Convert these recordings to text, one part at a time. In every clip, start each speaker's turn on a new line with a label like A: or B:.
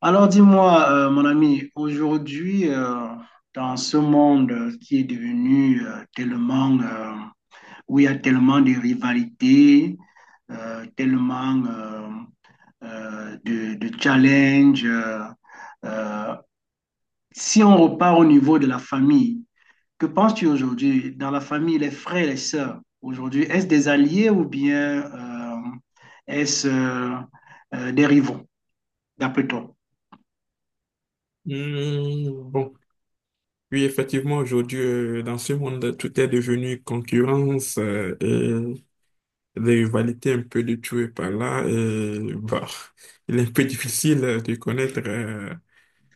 A: Alors dis-moi, mon ami, aujourd'hui, dans ce monde qui est devenu tellement, où il y a tellement de rivalités, tellement de challenges, euh, si on repart au niveau de la famille, que penses-tu aujourd'hui dans la famille, les frères et les sœurs, aujourd'hui, est-ce des alliés ou bien est-ce des rivaux, d'après toi?
B: Hmm, bon, oui, effectivement, aujourd'hui, dans ce monde, tout est devenu concurrence et des rivalités un peu de tout et par là. Et bah, il est un peu difficile de connaître euh,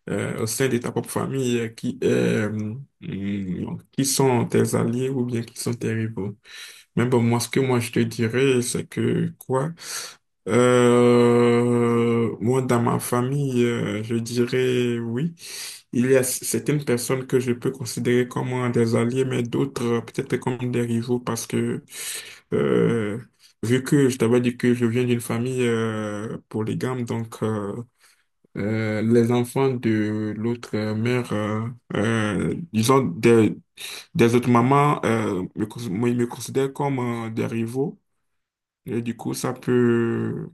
B: euh, au sein de ta propre famille qui est, qui sont tes alliés ou bien qui sont tes rivaux. Mais bon, moi, je te dirais, c'est que quoi? Moi, dans ma famille, je dirais oui. Il y a certaines personnes que je peux considérer comme des alliés, mais d'autres peut-être comme des rivaux parce que, euh, vu que je t'avais dit que je viens d'une famille polygame, donc les enfants de l'autre mère, disons des autres mamans, moi, ils me considèrent comme des rivaux. Et du coup,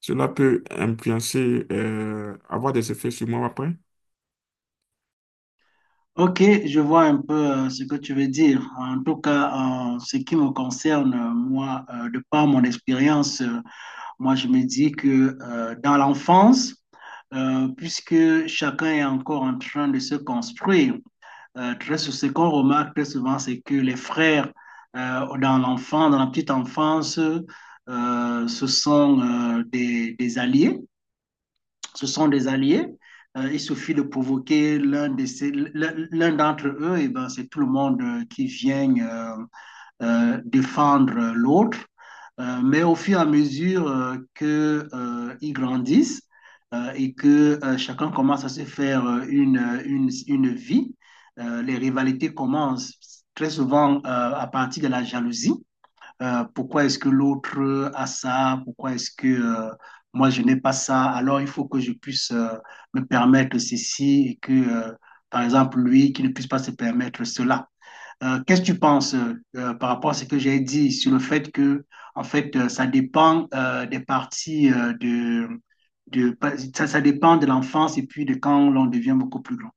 B: cela peut influencer, avoir des effets sur moi après.
A: Ok, je vois un peu ce que tu veux dire. En tout cas, en ce qui me concerne, moi, de par mon expérience, moi, je me dis que dans l'enfance, puisque chacun est encore en train de se construire, ce qu'on remarque très souvent, c'est que les frères dans la petite enfance, ce sont des alliés, ce sont des alliés. Il suffit de provoquer l'un d'entre eux, et ben c'est tout le monde qui vient défendre l'autre. Mais au fur et à mesure que ils grandissent et que chacun commence à se faire une vie, les rivalités commencent très souvent à partir de la jalousie. Pourquoi est-ce que l'autre a ça? Pourquoi est-ce que moi je n'ai pas ça? Alors il faut que je puisse me permettre ceci et que, par exemple, lui qui ne puisse pas se permettre cela. Qu'est-ce que tu penses par rapport à ce que j'ai dit sur le fait que, ça dépend des parties de, ça dépend de l'enfance et puis de quand l'on devient beaucoup plus grand.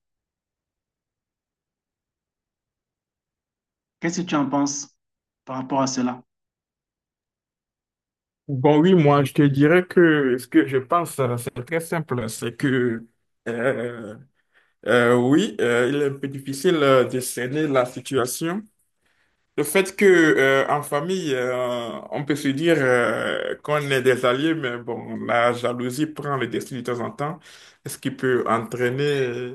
A: Qu'est-ce que tu en penses par rapport à cela?
B: Bon, oui, moi, je te dirais que ce que je pense, c'est très simple. C'est que, euh, oui, il est un peu difficile de cerner la situation. Le fait que, en famille, on peut se dire qu'on est des alliés, mais bon, la jalousie prend le dessus de temps en temps, ce qui peut entraîner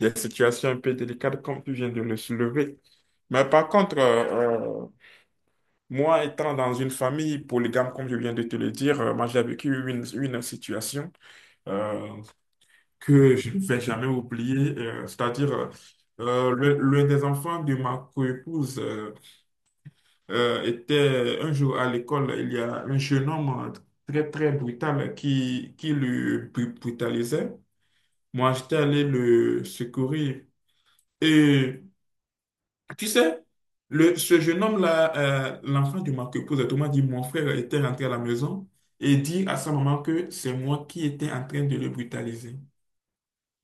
B: des situations un peu délicates, comme tu viens de le soulever. Mais par contre, moi, étant dans une famille polygame, comme je viens de te le dire, moi j'ai vécu une situation euh, que je ne vais jamais oublier, c'est-à-dire l'un des enfants de ma coépouse était un jour à l'école, il y a un jeune homme très très brutal qui le brutalisait. Moi, j'étais allé le secourir. Et tu sais, ce jeune homme-là, l'enfant du marquepose, tout m'a dit, mon frère était rentré à la maison et dit à sa maman que c'est moi qui étais en train de le brutaliser.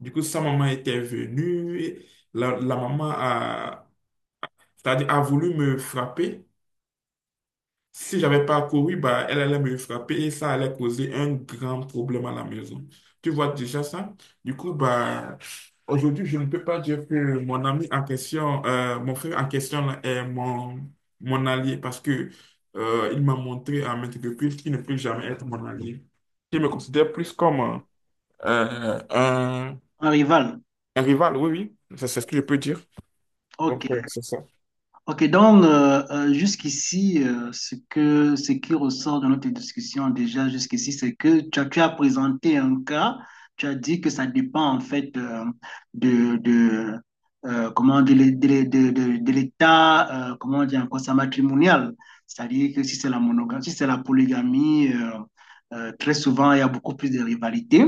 B: Du coup, sa maman était venue, et la maman c'est-à-dire a voulu me frapper, si j'avais pas couru, bah, elle allait me frapper et ça allait causer un grand problème à la maison. Tu vois déjà ça? Du coup, bah, aujourd'hui, je ne peux pas dire que mon ami en question, mon frère en question là, est mon, mon allié parce que, il m'a montré à maintes reprises qu'il ne peut jamais être mon allié. Je me considère plus comme euh, un,
A: Un rival.
B: un rival, oui, oui, c'est ce que je peux dire.
A: Ok.
B: Donc, ouais, c'est ça.
A: Ok, donc jusqu'ici, ce qui ressort de notre discussion déjà jusqu'ici, c'est que tu as présenté un cas, tu as dit que ça dépend en fait de comment de l'état, comment dire encore ça, matrimonial. C'est-à-dire que si c'est la monogamie, si c'est la polygamie, très souvent il y a beaucoup plus de rivalités.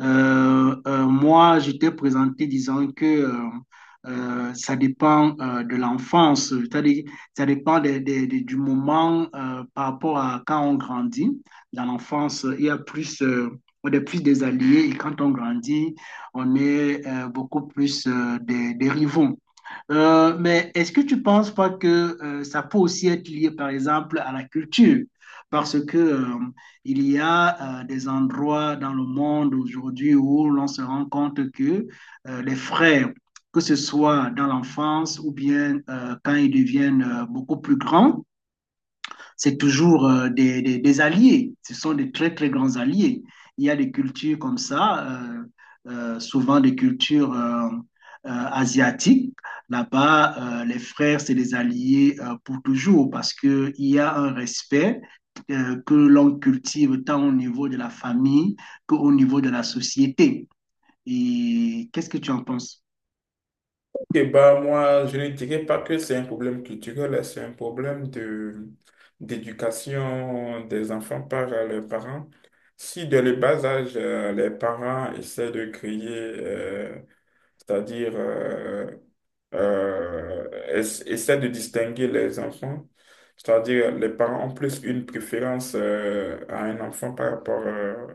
A: Moi, je t'ai présenté disant que ça dépend de l'enfance, c'est-à-dire ça dépend du moment par rapport à quand on grandit. Dans l'enfance, il y a plus, on est plus des alliés et quand on grandit, on est beaucoup plus des rivaux. Mais est-ce que tu ne penses pas que ça peut aussi être lié, par exemple, à la culture? Parce que, il y a des endroits dans le monde aujourd'hui où l'on se rend compte que les frères, que ce soit dans l'enfance ou bien quand ils deviennent beaucoup plus grands, c'est toujours alliés. Ce sont des très, très grands alliés. Il y a des cultures comme ça, souvent des cultures asiatiques. Là-bas, les frères, c'est des alliés pour toujours parce qu'il y a un respect que l'on cultive tant au niveau de la famille qu'au niveau de la société. Et qu'est-ce que tu en penses?
B: Et bah, moi, je ne dirais pas que c'est un problème culturel, hein, c'est un problème de d'éducation des enfants par leurs parents. Si dès le bas âge, les parents essaient de créer, c'est-à-dire euh, essaie de distinguer les enfants. C'est-à-dire, les parents ont plus une préférence à un enfant par rapport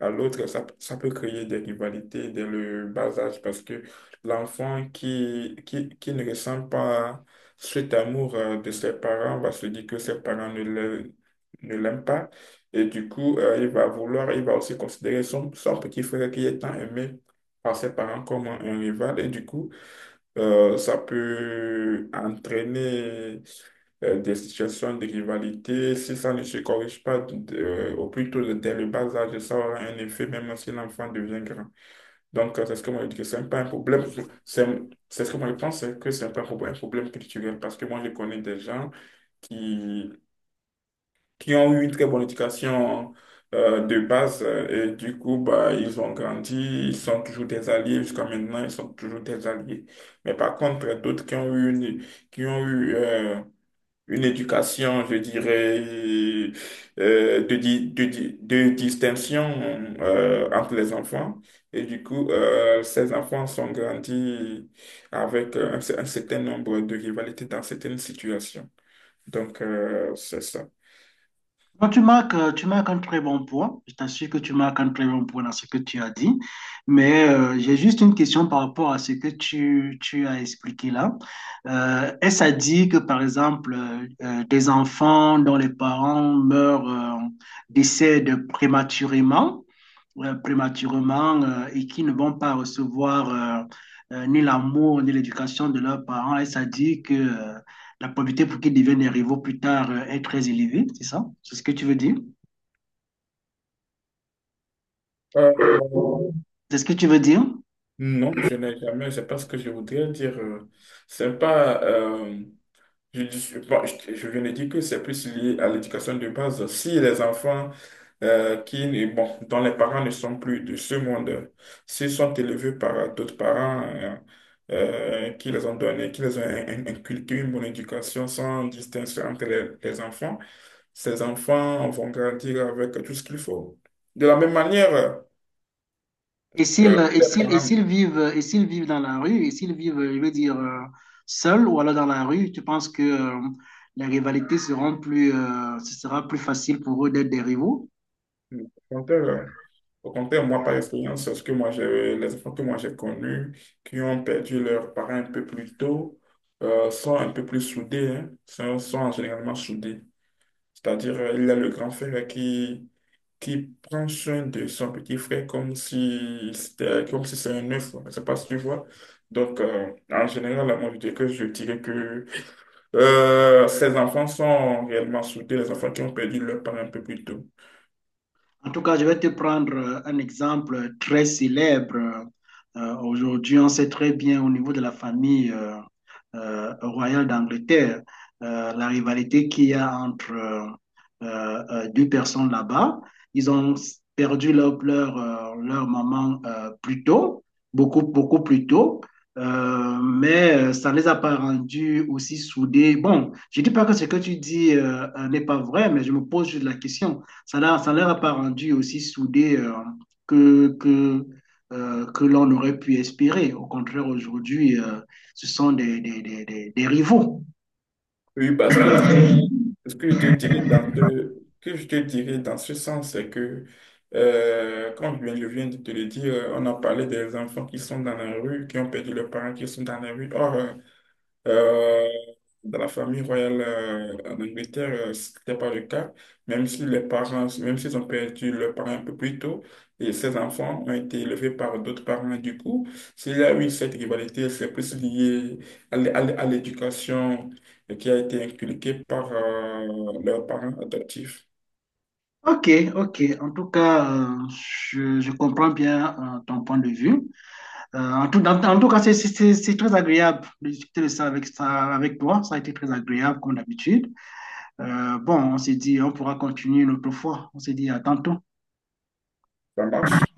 B: à l'autre. Ça peut créer des rivalités dès le bas âge parce que l'enfant qui ne ressent pas cet amour de ses parents va se dire que ses parents ne l'aiment pas. Et du coup, il va vouloir, il va aussi considérer son, son petit frère qui est tant aimé par ses parents comme un rival. Et du coup, ça peut entraîner des situations de rivalité. Si ça ne se corrige pas au plus tôt dès le bas âge, ça aura un effet même si l'enfant devient grand. Donc, c'est ce que moi je dis que c'est pas un problème. C'est c'est ce que moi je pense, c'est que c'est pas un problème, un problème culturel. Parce que moi, je connais des gens qui qui ont eu une très bonne éducation de base et du coup bah, ils ont grandi, ils sont toujours des alliés jusqu'à maintenant, ils sont toujours des alliés. Mais par contre, d'autres qui ont eu une éducation, je dirais, de distinction entre les enfants. Et du coup, ces enfants sont grandis avec un certain nombre de rivalités dans certaines situations. Donc, c'est ça.
A: Non, tu marques un très bon point. Je t'assure que tu marques un très bon point dans ce que tu as dit. Mais j'ai juste une question par rapport à ce que tu as expliqué là. Est-ce à dire que, par exemple, des enfants dont les parents meurent, décèdent prématurément, et qui ne vont pas recevoir ni l'amour ni l'éducation de leurs parents. Et ça dit que la probabilité pour qu'ils deviennent des rivaux plus tard est très élevée, c'est ça? C'est ce que tu veux dire?
B: Euh,
A: C'est ce que tu veux dire?
B: Non, je n'ai jamais, c'est pas ce que je voudrais dire. C'est pas, bon, je viens de dire que c'est plus lié à l'éducation de base. Si les enfants qui, ne- bon, dont les parents ne sont plus de ce monde, s'ils sont élevés par d'autres parents qui les ont donnés, qui les ont inculqué une bonne éducation sans distinction entre les enfants, ces enfants vont grandir avec tout ce qu'il faut. De la même manière,
A: Et
B: que les parents,
A: s'ils vivent, et s'ils vivent dans la rue, et s'ils vivent, je veux dire, seuls ou alors dans la rue, tu penses que les rivalités seront plus, ce sera plus facile pour eux d'être des rivaux?
B: au contraire, Au contraire, moi, par expérience, c'est ce que moi j'ai, les enfants que moi j'ai connus qui ont perdu leurs parents un peu plus tôt sont un peu plus soudés, hein, sont, sont généralement soudés. C'est-à-dire, il y a le grand frère qui prend soin de son petit frère comme si c'était un œuf. Je sais pas si tu vois. Donc, en général, moi, je dirais que ces enfants sont réellement soudés, les enfants qui ont perdu leurs parents un peu plus tôt.
A: En tout cas, je vais te prendre un exemple très célèbre. Aujourd'hui, on sait très bien au niveau de la famille royale d'Angleterre, la rivalité qu'il y a entre deux personnes là-bas. Ils ont perdu leur maman plus tôt, beaucoup, beaucoup plus tôt. Mais ça ne les a pas rendus aussi soudés. Bon, je ne dis pas que ce que tu dis n'est pas vrai, mais je me pose juste la question. Ça ne leur a pas rendu aussi soudé que, que, que l'on aurait pu espérer. Au contraire, aujourd'hui, ce sont des rivaux.
B: Oui, parce que ce que je te dirais dans ce sens, c'est que, je viens de te le dire, on a parlé des enfants qui sont dans la rue, qui ont perdu leurs parents, qui sont dans la rue. Or, euh, dans la famille royale en Angleterre, ce n'était pas le cas. Même si les parents, même s'ils ont perdu leurs parents un peu plus tôt, et ces enfants ont été élevés par d'autres parents. Du coup, s'il y a eu cette rivalité, c'est plus lié à l'éducation qui a été inculquée par leurs parents adoptifs.
A: Ok, ok. En tout cas, je comprends bien ton point de vue. En tout cas, c'est très agréable de discuter ça avec toi. Ça a été très agréable, comme d'habitude. Bon, on s'est dit, on pourra continuer une autre fois. On s'est dit à tantôt.
B: Ça marche?